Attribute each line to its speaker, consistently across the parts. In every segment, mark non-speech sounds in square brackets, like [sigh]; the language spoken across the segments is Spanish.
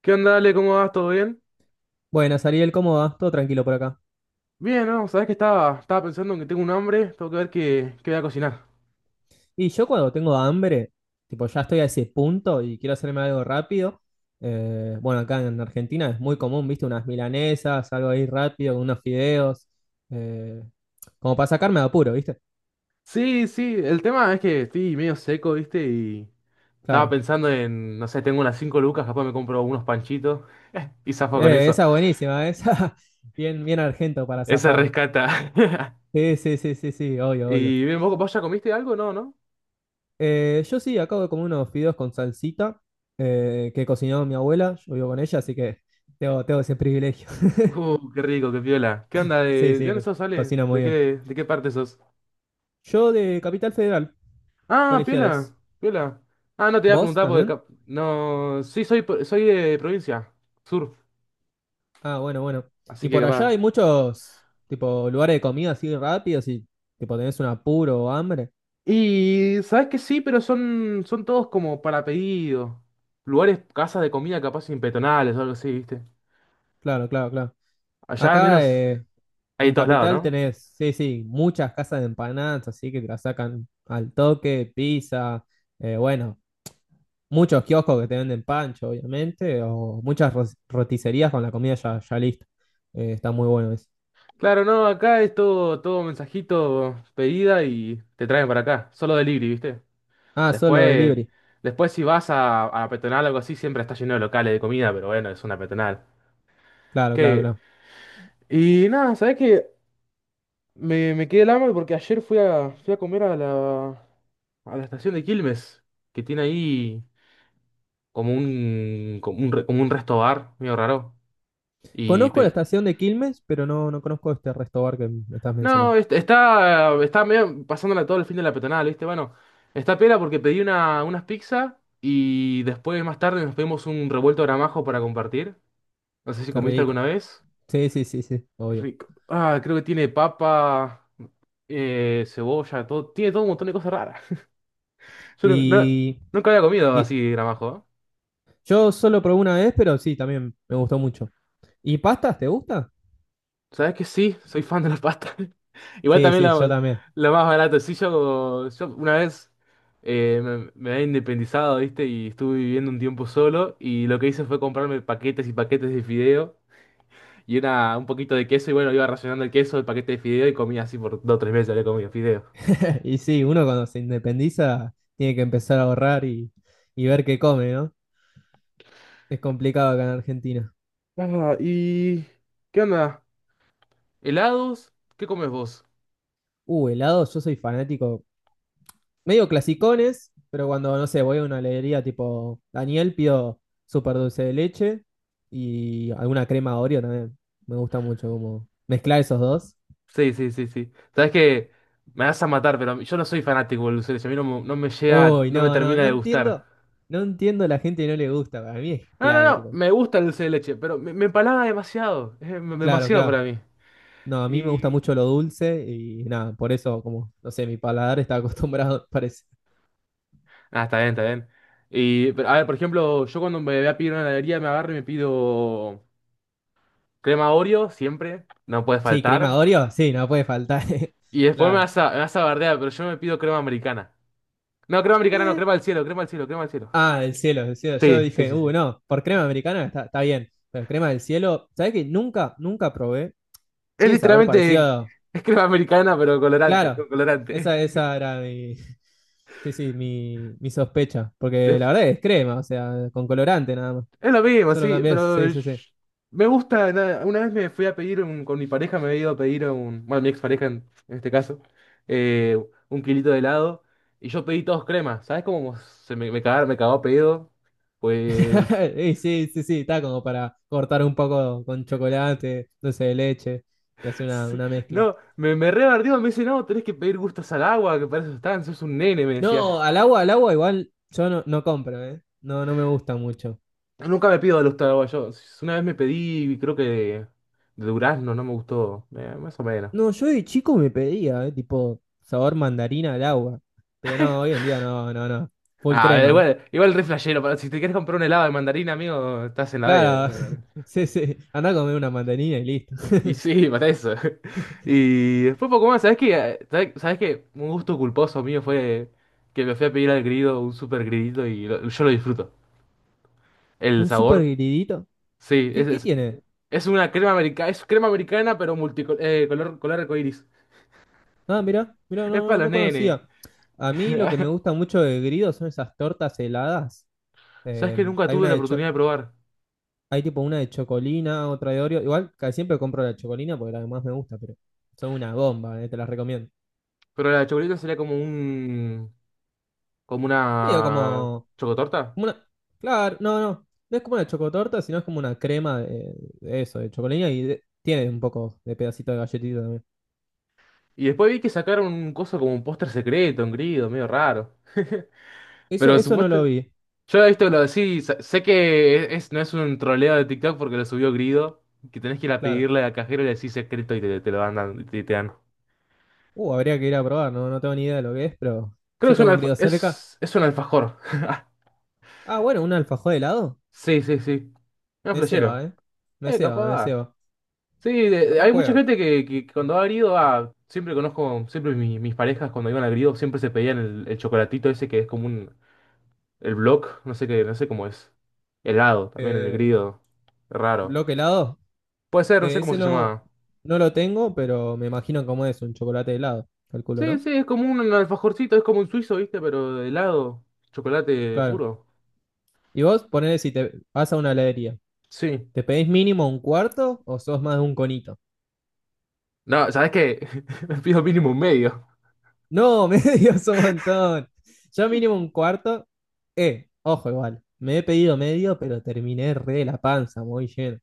Speaker 1: ¿Qué onda, Ale? ¿Cómo vas? ¿Todo bien?
Speaker 2: Buenas, Ariel, ¿cómo va? Todo tranquilo por acá.
Speaker 1: Bien, ¿no? Sabes que estaba pensando en que tengo un hambre, tengo que ver qué voy a cocinar.
Speaker 2: Y yo cuando tengo hambre, tipo ya estoy a ese punto y quiero hacerme algo rápido, bueno, acá en Argentina es muy común, viste, unas milanesas, algo ahí rápido, con unos fideos, eh, como para sacarme de apuro, viste.
Speaker 1: Sí, sí, el tema es que estoy medio seco, ¿viste? Y estaba
Speaker 2: Claro.
Speaker 1: pensando en, no sé, tengo unas 5 lucas, capaz me compro unos panchitos [laughs] y zafo con eso.
Speaker 2: Esa buenísima, esa [laughs] bien, bien argento para
Speaker 1: Ese
Speaker 2: zafar.
Speaker 1: rescata. [laughs]
Speaker 2: Sí, sí, sí, sí, sí, obvio, obvio.
Speaker 1: Y bien, ¿vos ya comiste algo? No, ¿no?
Speaker 2: Yo sí, acabo de comer unos fideos con salsita que cocinó mi abuela, yo vivo con ella, así que tengo ese privilegio. [laughs]
Speaker 1: Qué rico, qué piola. ¿Qué onda?
Speaker 2: Sí,
Speaker 1: ¿De
Speaker 2: sí,
Speaker 1: dónde sos, Ale?
Speaker 2: cocina
Speaker 1: ¿De
Speaker 2: muy bien.
Speaker 1: qué, de qué parte sos?
Speaker 2: Yo de Capital Federal,
Speaker 1: Ah, piola,
Speaker 2: colegiales.
Speaker 1: piola. Ah, no te voy a
Speaker 2: ¿Vos
Speaker 1: preguntar porque...
Speaker 2: también?
Speaker 1: No, sí, soy de provincia, sur.
Speaker 2: Ah, bueno, bueno.
Speaker 1: Así
Speaker 2: Y
Speaker 1: que
Speaker 2: por allá
Speaker 1: capaz.
Speaker 2: hay muchos, tipo, lugares de comida así rápidos y, tipo, tenés un apuro o hambre.
Speaker 1: Y sabes que sí, pero son todos como para pedido. Lugares, casas de comida capaz impetonales o algo así, ¿viste?
Speaker 2: Claro, claro, claro.
Speaker 1: Allá al
Speaker 2: Acá
Speaker 1: menos hay de
Speaker 2: en
Speaker 1: todos lados,
Speaker 2: Capital
Speaker 1: ¿no?
Speaker 2: tenés, sí, sí, muchas casas de empanadas, así que te las sacan al toque, pizza, bueno, muchos kioscos que te venden pancho, obviamente, o muchas roticerías con la comida ya, ya lista. Está muy bueno eso.
Speaker 1: Claro, no, acá es todo mensajito, pedida y te traen para acá. Solo delivery, ¿viste?
Speaker 2: Ah, solo
Speaker 1: Después,
Speaker 2: delivery.
Speaker 1: después si vas a la peatonal o algo así, siempre está lleno de locales de comida, pero bueno, es una peatonal.
Speaker 2: Claro, claro,
Speaker 1: Qué
Speaker 2: claro.
Speaker 1: Y nada, ¿sabes qué? Me quedé el hambre porque ayer fui a comer a la estación de Quilmes, que tiene ahí como un resto bar, medio raro. Y
Speaker 2: Conozco la estación de Quilmes, pero no, no conozco este resto bar que me estás mencionando.
Speaker 1: no, está medio pasándola todo el fin de la peatonal, ¿viste? Bueno, está pela porque pedí unas pizzas y después más tarde nos pedimos un revuelto de gramajo para compartir. No sé si
Speaker 2: Qué
Speaker 1: comiste
Speaker 2: rico.
Speaker 1: alguna vez.
Speaker 2: Sí, sí, sí, sí,
Speaker 1: Qué
Speaker 2: obvio.
Speaker 1: rico. Ah, creo que tiene papa, cebolla, todo, tiene todo un montón de cosas raras. Yo nu- no-
Speaker 2: Y,
Speaker 1: nunca había comido
Speaker 2: y
Speaker 1: así gramajo.
Speaker 2: yo solo probé una vez, pero sí, también me gustó mucho. ¿Y pastas, te gusta?
Speaker 1: ¿Sabes que sí? Soy fan de la pasta. [laughs] Igual
Speaker 2: Sí,
Speaker 1: también
Speaker 2: sí, yo
Speaker 1: la,
Speaker 2: también.
Speaker 1: la más barata. Sí, yo una vez me había independizado, ¿viste? Y estuve viviendo un tiempo solo. Y lo que hice fue comprarme paquetes y paquetes de fideo. Y un poquito de queso. Y bueno, iba racionando el queso, el paquete de fideo. Y comía así por 2 o 3 meses. Había comido fideo.
Speaker 2: [laughs] Y sí, uno cuando se independiza tiene que empezar a ahorrar y ver qué come, ¿no? Es complicado acá en Argentina.
Speaker 1: Ah, ¿y qué onda? ¿Helados? ¿Qué comes vos?
Speaker 2: Helado, yo soy fanático. Medio clasicones, pero cuando, no sé, voy a una heladería tipo Daniel, pido súper dulce de leche y alguna crema Oreo también. Me gusta mucho como mezclar esos dos.
Speaker 1: Sí, sí, sí, sí. Sabes que me vas a matar, pero yo no soy fanático del dulce de leche. A mí no, no me llega,
Speaker 2: Uy,
Speaker 1: no me
Speaker 2: no, no,
Speaker 1: termina
Speaker 2: no
Speaker 1: de gustar.
Speaker 2: entiendo. No entiendo a la gente que no le gusta. Para mí es
Speaker 1: No, no,
Speaker 2: clave,
Speaker 1: no,
Speaker 2: tipo.
Speaker 1: me gusta el dulce de leche, pero me empalaga demasiado. Es dem-
Speaker 2: Claro,
Speaker 1: demasiado para
Speaker 2: claro.
Speaker 1: mí.
Speaker 2: No, a mí me gusta
Speaker 1: Y.
Speaker 2: mucho lo dulce y nada, por eso, como, no sé, mi paladar está acostumbrado, [laughs] parece.
Speaker 1: Ah, está bien, está bien. Y, pero, a ver, por ejemplo, yo cuando me voy a pedir una heladería me agarro y me pido crema Oreo, siempre. No puede
Speaker 2: Sí, crema
Speaker 1: faltar.
Speaker 2: Oreo, sí, no puede faltar. [laughs]
Speaker 1: Y después me
Speaker 2: Claro.
Speaker 1: vas a, me vas a bardear, pero yo me pido crema americana. No, crema americana, no,
Speaker 2: Eh,
Speaker 1: crema al cielo, crema al cielo, crema al cielo.
Speaker 2: Ah, el cielo, el cielo. Yo
Speaker 1: Sí, sí,
Speaker 2: dije,
Speaker 1: sí, sí.
Speaker 2: no, por crema americana está, está bien, pero crema del cielo, ¿sabés que nunca, nunca probé?
Speaker 1: Es
Speaker 2: Tiene sabor parecido.
Speaker 1: literalmente es crema americana, pero colorante,
Speaker 2: Claro,
Speaker 1: con colorante.
Speaker 2: esa era mi, [laughs] sí, sí, mi sospecha, porque
Speaker 1: [laughs]
Speaker 2: la
Speaker 1: De-
Speaker 2: verdad es crema, o sea, con colorante nada más.
Speaker 1: es lo mismo,
Speaker 2: Solo
Speaker 1: sí,
Speaker 2: cambié,
Speaker 1: pero
Speaker 2: sí, sí, sí.
Speaker 1: me gusta. Nada, una vez me fui a pedir con mi pareja, me había ido a pedir bueno, mi expareja en este caso, eh, un kilito de helado, y yo pedí todos crema. ¿Sabes cómo se me cagaron, me cagó pedido? Pues,
Speaker 2: [laughs] Y sí, sí, sí, está como para cortar un poco con chocolate, dulce de leche y hacer
Speaker 1: [laughs] sí,
Speaker 2: una mezcla.
Speaker 1: no, me re bardeó, me dice, no, tenés que pedir gustos al agua, que para eso están, sos un nene, me decía.
Speaker 2: No, al agua igual yo no, no compro, ¿eh? No, no me gusta mucho.
Speaker 1: Nunca me pido de los taraguayos. Una vez me pedí, creo que de durazno, no me gustó. Más o menos.
Speaker 2: No, yo de chico me pedía, tipo sabor mandarina al agua. Pero no, hoy en día no, no, no. Full
Speaker 1: Ah,
Speaker 2: crema.
Speaker 1: igual re flashero, pero si te quieres comprar un helado de mandarina, amigo, estás en la B.
Speaker 2: Claro, [laughs] sí, sí. Andá a comer una mandarina y listo.
Speaker 1: Y sí, para eso. [laughs] Y después poco más, ¿sabes qué? ¿Sabes qué? Un gusto culposo mío fue que me fui a pedir al grido un super gridito y yo lo disfruto. El
Speaker 2: Un super
Speaker 1: sabor,
Speaker 2: gridito.
Speaker 1: sí, es,
Speaker 2: ¿Qué, qué
Speaker 1: es,
Speaker 2: tiene?
Speaker 1: es una crema americana, es crema americana, pero multicolor, color arcoíris.
Speaker 2: Ah, mirá, mirá,
Speaker 1: Es
Speaker 2: no,
Speaker 1: para
Speaker 2: no
Speaker 1: los
Speaker 2: no
Speaker 1: nenes.
Speaker 2: conocía. A mí lo que me
Speaker 1: [laughs]
Speaker 2: gusta mucho de grido son esas tortas heladas.
Speaker 1: Sabes
Speaker 2: Eh,
Speaker 1: que nunca
Speaker 2: hay
Speaker 1: tuve
Speaker 2: una
Speaker 1: la
Speaker 2: de cho-
Speaker 1: oportunidad de probar,
Speaker 2: Hay tipo una de chocolina, otra de Oreo. Igual casi siempre compro la chocolina porque la que más me gusta, pero son una bomba, te las recomiendo.
Speaker 1: pero la chocolate sería como un, como
Speaker 2: Medio como
Speaker 1: una chocotorta.
Speaker 2: como una, claro, no, no, no es como una chocotorta, sino es como una crema de eso, de chocolina y tiene un poco de pedacito de galletita también.
Speaker 1: Y después vi que sacaron un coso como un póster secreto, un grido, medio raro. [laughs]
Speaker 2: Eso,
Speaker 1: Pero
Speaker 2: eso no lo
Speaker 1: supuesto,
Speaker 2: vi,
Speaker 1: yo he visto lo de sí, sé que es, no es un troleo de TikTok porque lo subió Grido, que tenés que ir a
Speaker 2: claro.
Speaker 1: pedirle al cajero y le decís secreto y te lo van dando, y te dan.
Speaker 2: Habría que ir a probar, no, no tengo ni idea de lo que es, pero
Speaker 1: Creo que
Speaker 2: yo
Speaker 1: es un
Speaker 2: tengo un
Speaker 1: alfa-
Speaker 2: griego cerca.
Speaker 1: es, es un alfajor. [laughs]
Speaker 2: Ah, bueno, un alfajor de helado.
Speaker 1: Sí, sí, sí. Un
Speaker 2: Me ceba,
Speaker 1: flashero.
Speaker 2: eh. Me ceba, me
Speaker 1: Capaz.
Speaker 2: ceba.
Speaker 1: Sí,
Speaker 2: Capaz
Speaker 1: hay mucha
Speaker 2: juega.
Speaker 1: gente que cuando ha grido, siempre conozco, siempre mis parejas cuando iban a grido siempre se pedían el chocolatito ese que es el block, no sé qué, no sé cómo es, helado también el
Speaker 2: Eh,
Speaker 1: grido, raro.
Speaker 2: bloque helado.
Speaker 1: Puede ser, no sé cómo
Speaker 2: Ese
Speaker 1: se
Speaker 2: no,
Speaker 1: llamaba.
Speaker 2: no lo tengo, pero me imagino cómo es un chocolate helado, calculo,
Speaker 1: Sí,
Speaker 2: ¿no?
Speaker 1: sí, es como un alfajorcito, es como un suizo, ¿viste? Pero de helado, chocolate
Speaker 2: Claro.
Speaker 1: puro.
Speaker 2: Y vos ponele si te vas a una heladería.
Speaker 1: Sí.
Speaker 2: ¿Te pedís mínimo un cuarto o sos más de un conito?
Speaker 1: No, ¿sabes qué? [laughs] Me pido mínimo un medio.
Speaker 2: No, [laughs] medio es un montón. Yo mínimo un cuarto. Ojo igual. Me he pedido medio, pero terminé re de la panza, muy lleno.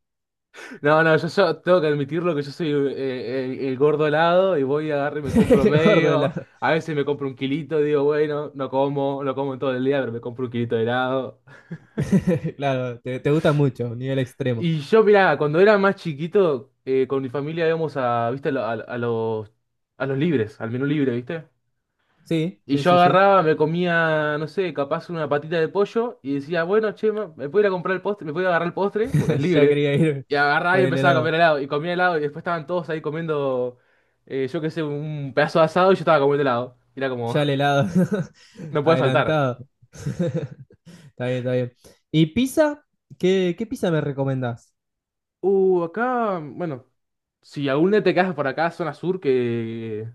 Speaker 1: No, no, yo tengo que admitirlo que yo soy el gordo helado y voy a agarrar y me compro
Speaker 2: [laughs] El gordo de
Speaker 1: medio.
Speaker 2: la...
Speaker 1: A veces me compro un kilito, digo, bueno, no como en todo el día, pero me compro un kilito de helado.
Speaker 2: [laughs] Claro, te gusta mucho, nivel extremo.
Speaker 1: Y yo, mirá, cuando era más chiquito, con mi familia íbamos viste, a, lo- a los libres, al menú libre, ¿viste?
Speaker 2: Sí,
Speaker 1: Y
Speaker 2: sí,
Speaker 1: yo
Speaker 2: sí, sí.
Speaker 1: agarraba, me comía, no sé, capaz una patita de pollo y decía, bueno, che, ma, me puedo ir a comprar el postre, me puedo ir a agarrar el postre, porque es
Speaker 2: [laughs] Ya
Speaker 1: libre.
Speaker 2: quería ir
Speaker 1: Y agarraba
Speaker 2: por
Speaker 1: y
Speaker 2: el
Speaker 1: empezaba a comer
Speaker 2: helado.
Speaker 1: helado. Y comía helado y después estaban todos ahí comiendo, yo qué sé, un pedazo de asado y yo estaba comiendo helado. Y era como,
Speaker 2: Ya el helado.
Speaker 1: [laughs]
Speaker 2: [laughs]
Speaker 1: no puede faltar.
Speaker 2: Adelantado. [laughs] Está bien, está bien. ¿Y pizza? ¿Qué, qué pizza me recomendás?
Speaker 1: Acá, bueno, si algún día te quedas por acá, zona sur, que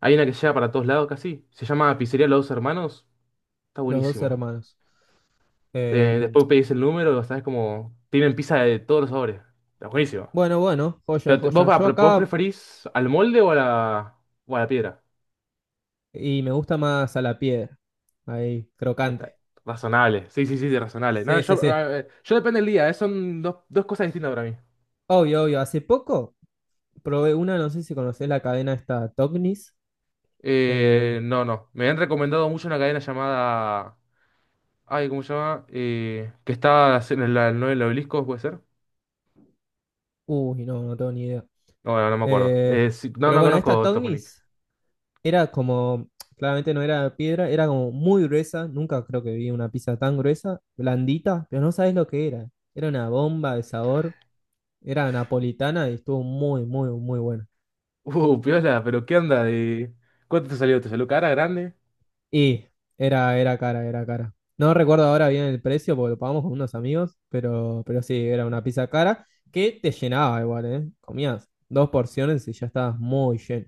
Speaker 1: hay una que llega para todos lados casi. Se llama Pizzería Los Dos Hermanos. Está
Speaker 2: Los dos
Speaker 1: buenísimo.
Speaker 2: hermanos.
Speaker 1: Te-
Speaker 2: Em,
Speaker 1: Después pedís el número, sabes como, tienen pizza de todos los sabores. Está buenísimo.
Speaker 2: Bueno, bueno, joya,
Speaker 1: Pero te-
Speaker 2: joya.
Speaker 1: vos, va,
Speaker 2: Yo
Speaker 1: pre- vos
Speaker 2: acá
Speaker 1: preferís al molde o o a la piedra?
Speaker 2: y me gusta más a la piedra. Ahí,
Speaker 1: Está-
Speaker 2: crocante.
Speaker 1: Razonable, sí, sí, sí, sí, razonable. No,
Speaker 2: Sí, sí,
Speaker 1: yo,
Speaker 2: sí.
Speaker 1: eh, yo depende del día, son dos cosas distintas para mí.
Speaker 2: Obvio, obvio. Hace poco probé una, no sé si conocés la cadena esta Tognis. Eh,
Speaker 1: No, no, me han recomendado mucho una cadena llamada... Ay, ¿cómo se llama? Que está en el obelisco, ¿puede ser?
Speaker 2: uy, no, no tengo ni idea.
Speaker 1: No, no, no me acuerdo.
Speaker 2: Eh,
Speaker 1: Sí, no,
Speaker 2: pero
Speaker 1: no
Speaker 2: bueno, esta
Speaker 1: conozco Toponic.
Speaker 2: Tognis era como, claramente no era piedra, era como muy gruesa. Nunca creo que vi una pizza tan gruesa, blandita, pero no sabés lo que era. Era una bomba de sabor. Era napolitana y estuvo muy, muy, muy buena.
Speaker 1: Piola, pero ¿qué onda? ¿Cuánto te salió? ¿Te salió cara grande?
Speaker 2: Y era cara, era cara. No recuerdo ahora bien el precio porque lo pagamos con unos amigos, pero sí, era una pizza cara que te llenaba igual, ¿eh? Comías dos porciones y ya estabas muy lleno.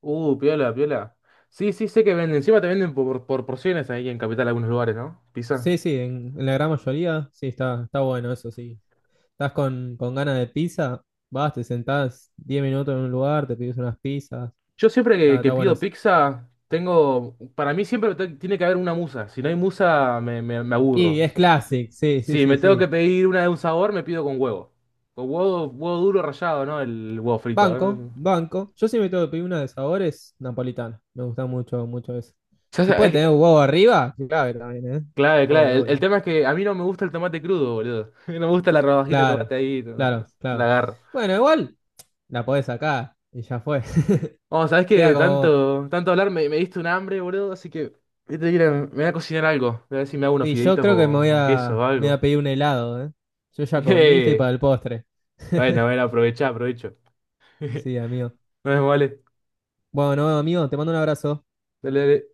Speaker 1: Piola, piola. Sí, sí, sé que venden. Encima te venden por porciones ahí en Capital, algunos lugares, ¿no? Pizza.
Speaker 2: Sí, sí, en la gran mayoría, sí, está, está bueno eso, sí. Estás con ganas de pizza, vas, te sentás 10 minutos en un lugar, te pides unas pizzas,
Speaker 1: Yo siempre que,
Speaker 2: está,
Speaker 1: que
Speaker 2: está bueno
Speaker 1: pido
Speaker 2: eso.
Speaker 1: pizza, tengo. Para mí siempre tiene que haber una musa. Si no hay musa, me
Speaker 2: Y
Speaker 1: aburro.
Speaker 2: es classic, sí, sí,
Speaker 1: Si
Speaker 2: sí,
Speaker 1: me tengo que
Speaker 2: sí.
Speaker 1: pedir una de un sabor, me pido con huevo. Con huevo, huevo duro rallado, ¿no? El huevo frito. ¿Eh?
Speaker 2: Banco, banco. Yo siempre tengo que pedir una de sabores napolitana. Me gusta mucho, mucho eso.
Speaker 1: Ya
Speaker 2: Si puede
Speaker 1: sabes,
Speaker 2: tener huevo arriba, clave también, ¿eh?
Speaker 1: clave, clave.
Speaker 2: Obvio,
Speaker 1: El
Speaker 2: obvio.
Speaker 1: tema es que a mí no me gusta el tomate crudo, boludo. [laughs] No me gusta la rodajita de
Speaker 2: Claro,
Speaker 1: tomate ahí. no- no-
Speaker 2: claro,
Speaker 1: la
Speaker 2: claro.
Speaker 1: agarro.
Speaker 2: Bueno, igual la podés sacar y ya fue.
Speaker 1: Oh, sabes
Speaker 2: [laughs]
Speaker 1: que
Speaker 2: Queda
Speaker 1: de
Speaker 2: como.
Speaker 1: tanto, tanto hablar me diste un hambre, boludo, así que voy a tener que ir me voy a cocinar algo. Voy a ver si me hago unos
Speaker 2: Y yo
Speaker 1: fideitos
Speaker 2: creo que
Speaker 1: con, con queso o
Speaker 2: me voy a
Speaker 1: algo.
Speaker 2: pedir un helado, ¿eh? Yo ya comí, estoy
Speaker 1: [laughs]
Speaker 2: para el postre.
Speaker 1: Bueno,
Speaker 2: [laughs]
Speaker 1: bueno, aprovecha, aprovecho. [laughs] Nos
Speaker 2: Sí, amigo.
Speaker 1: vemos, vale.
Speaker 2: Bueno, amigo, te mando un abrazo.
Speaker 1: Dale, dale.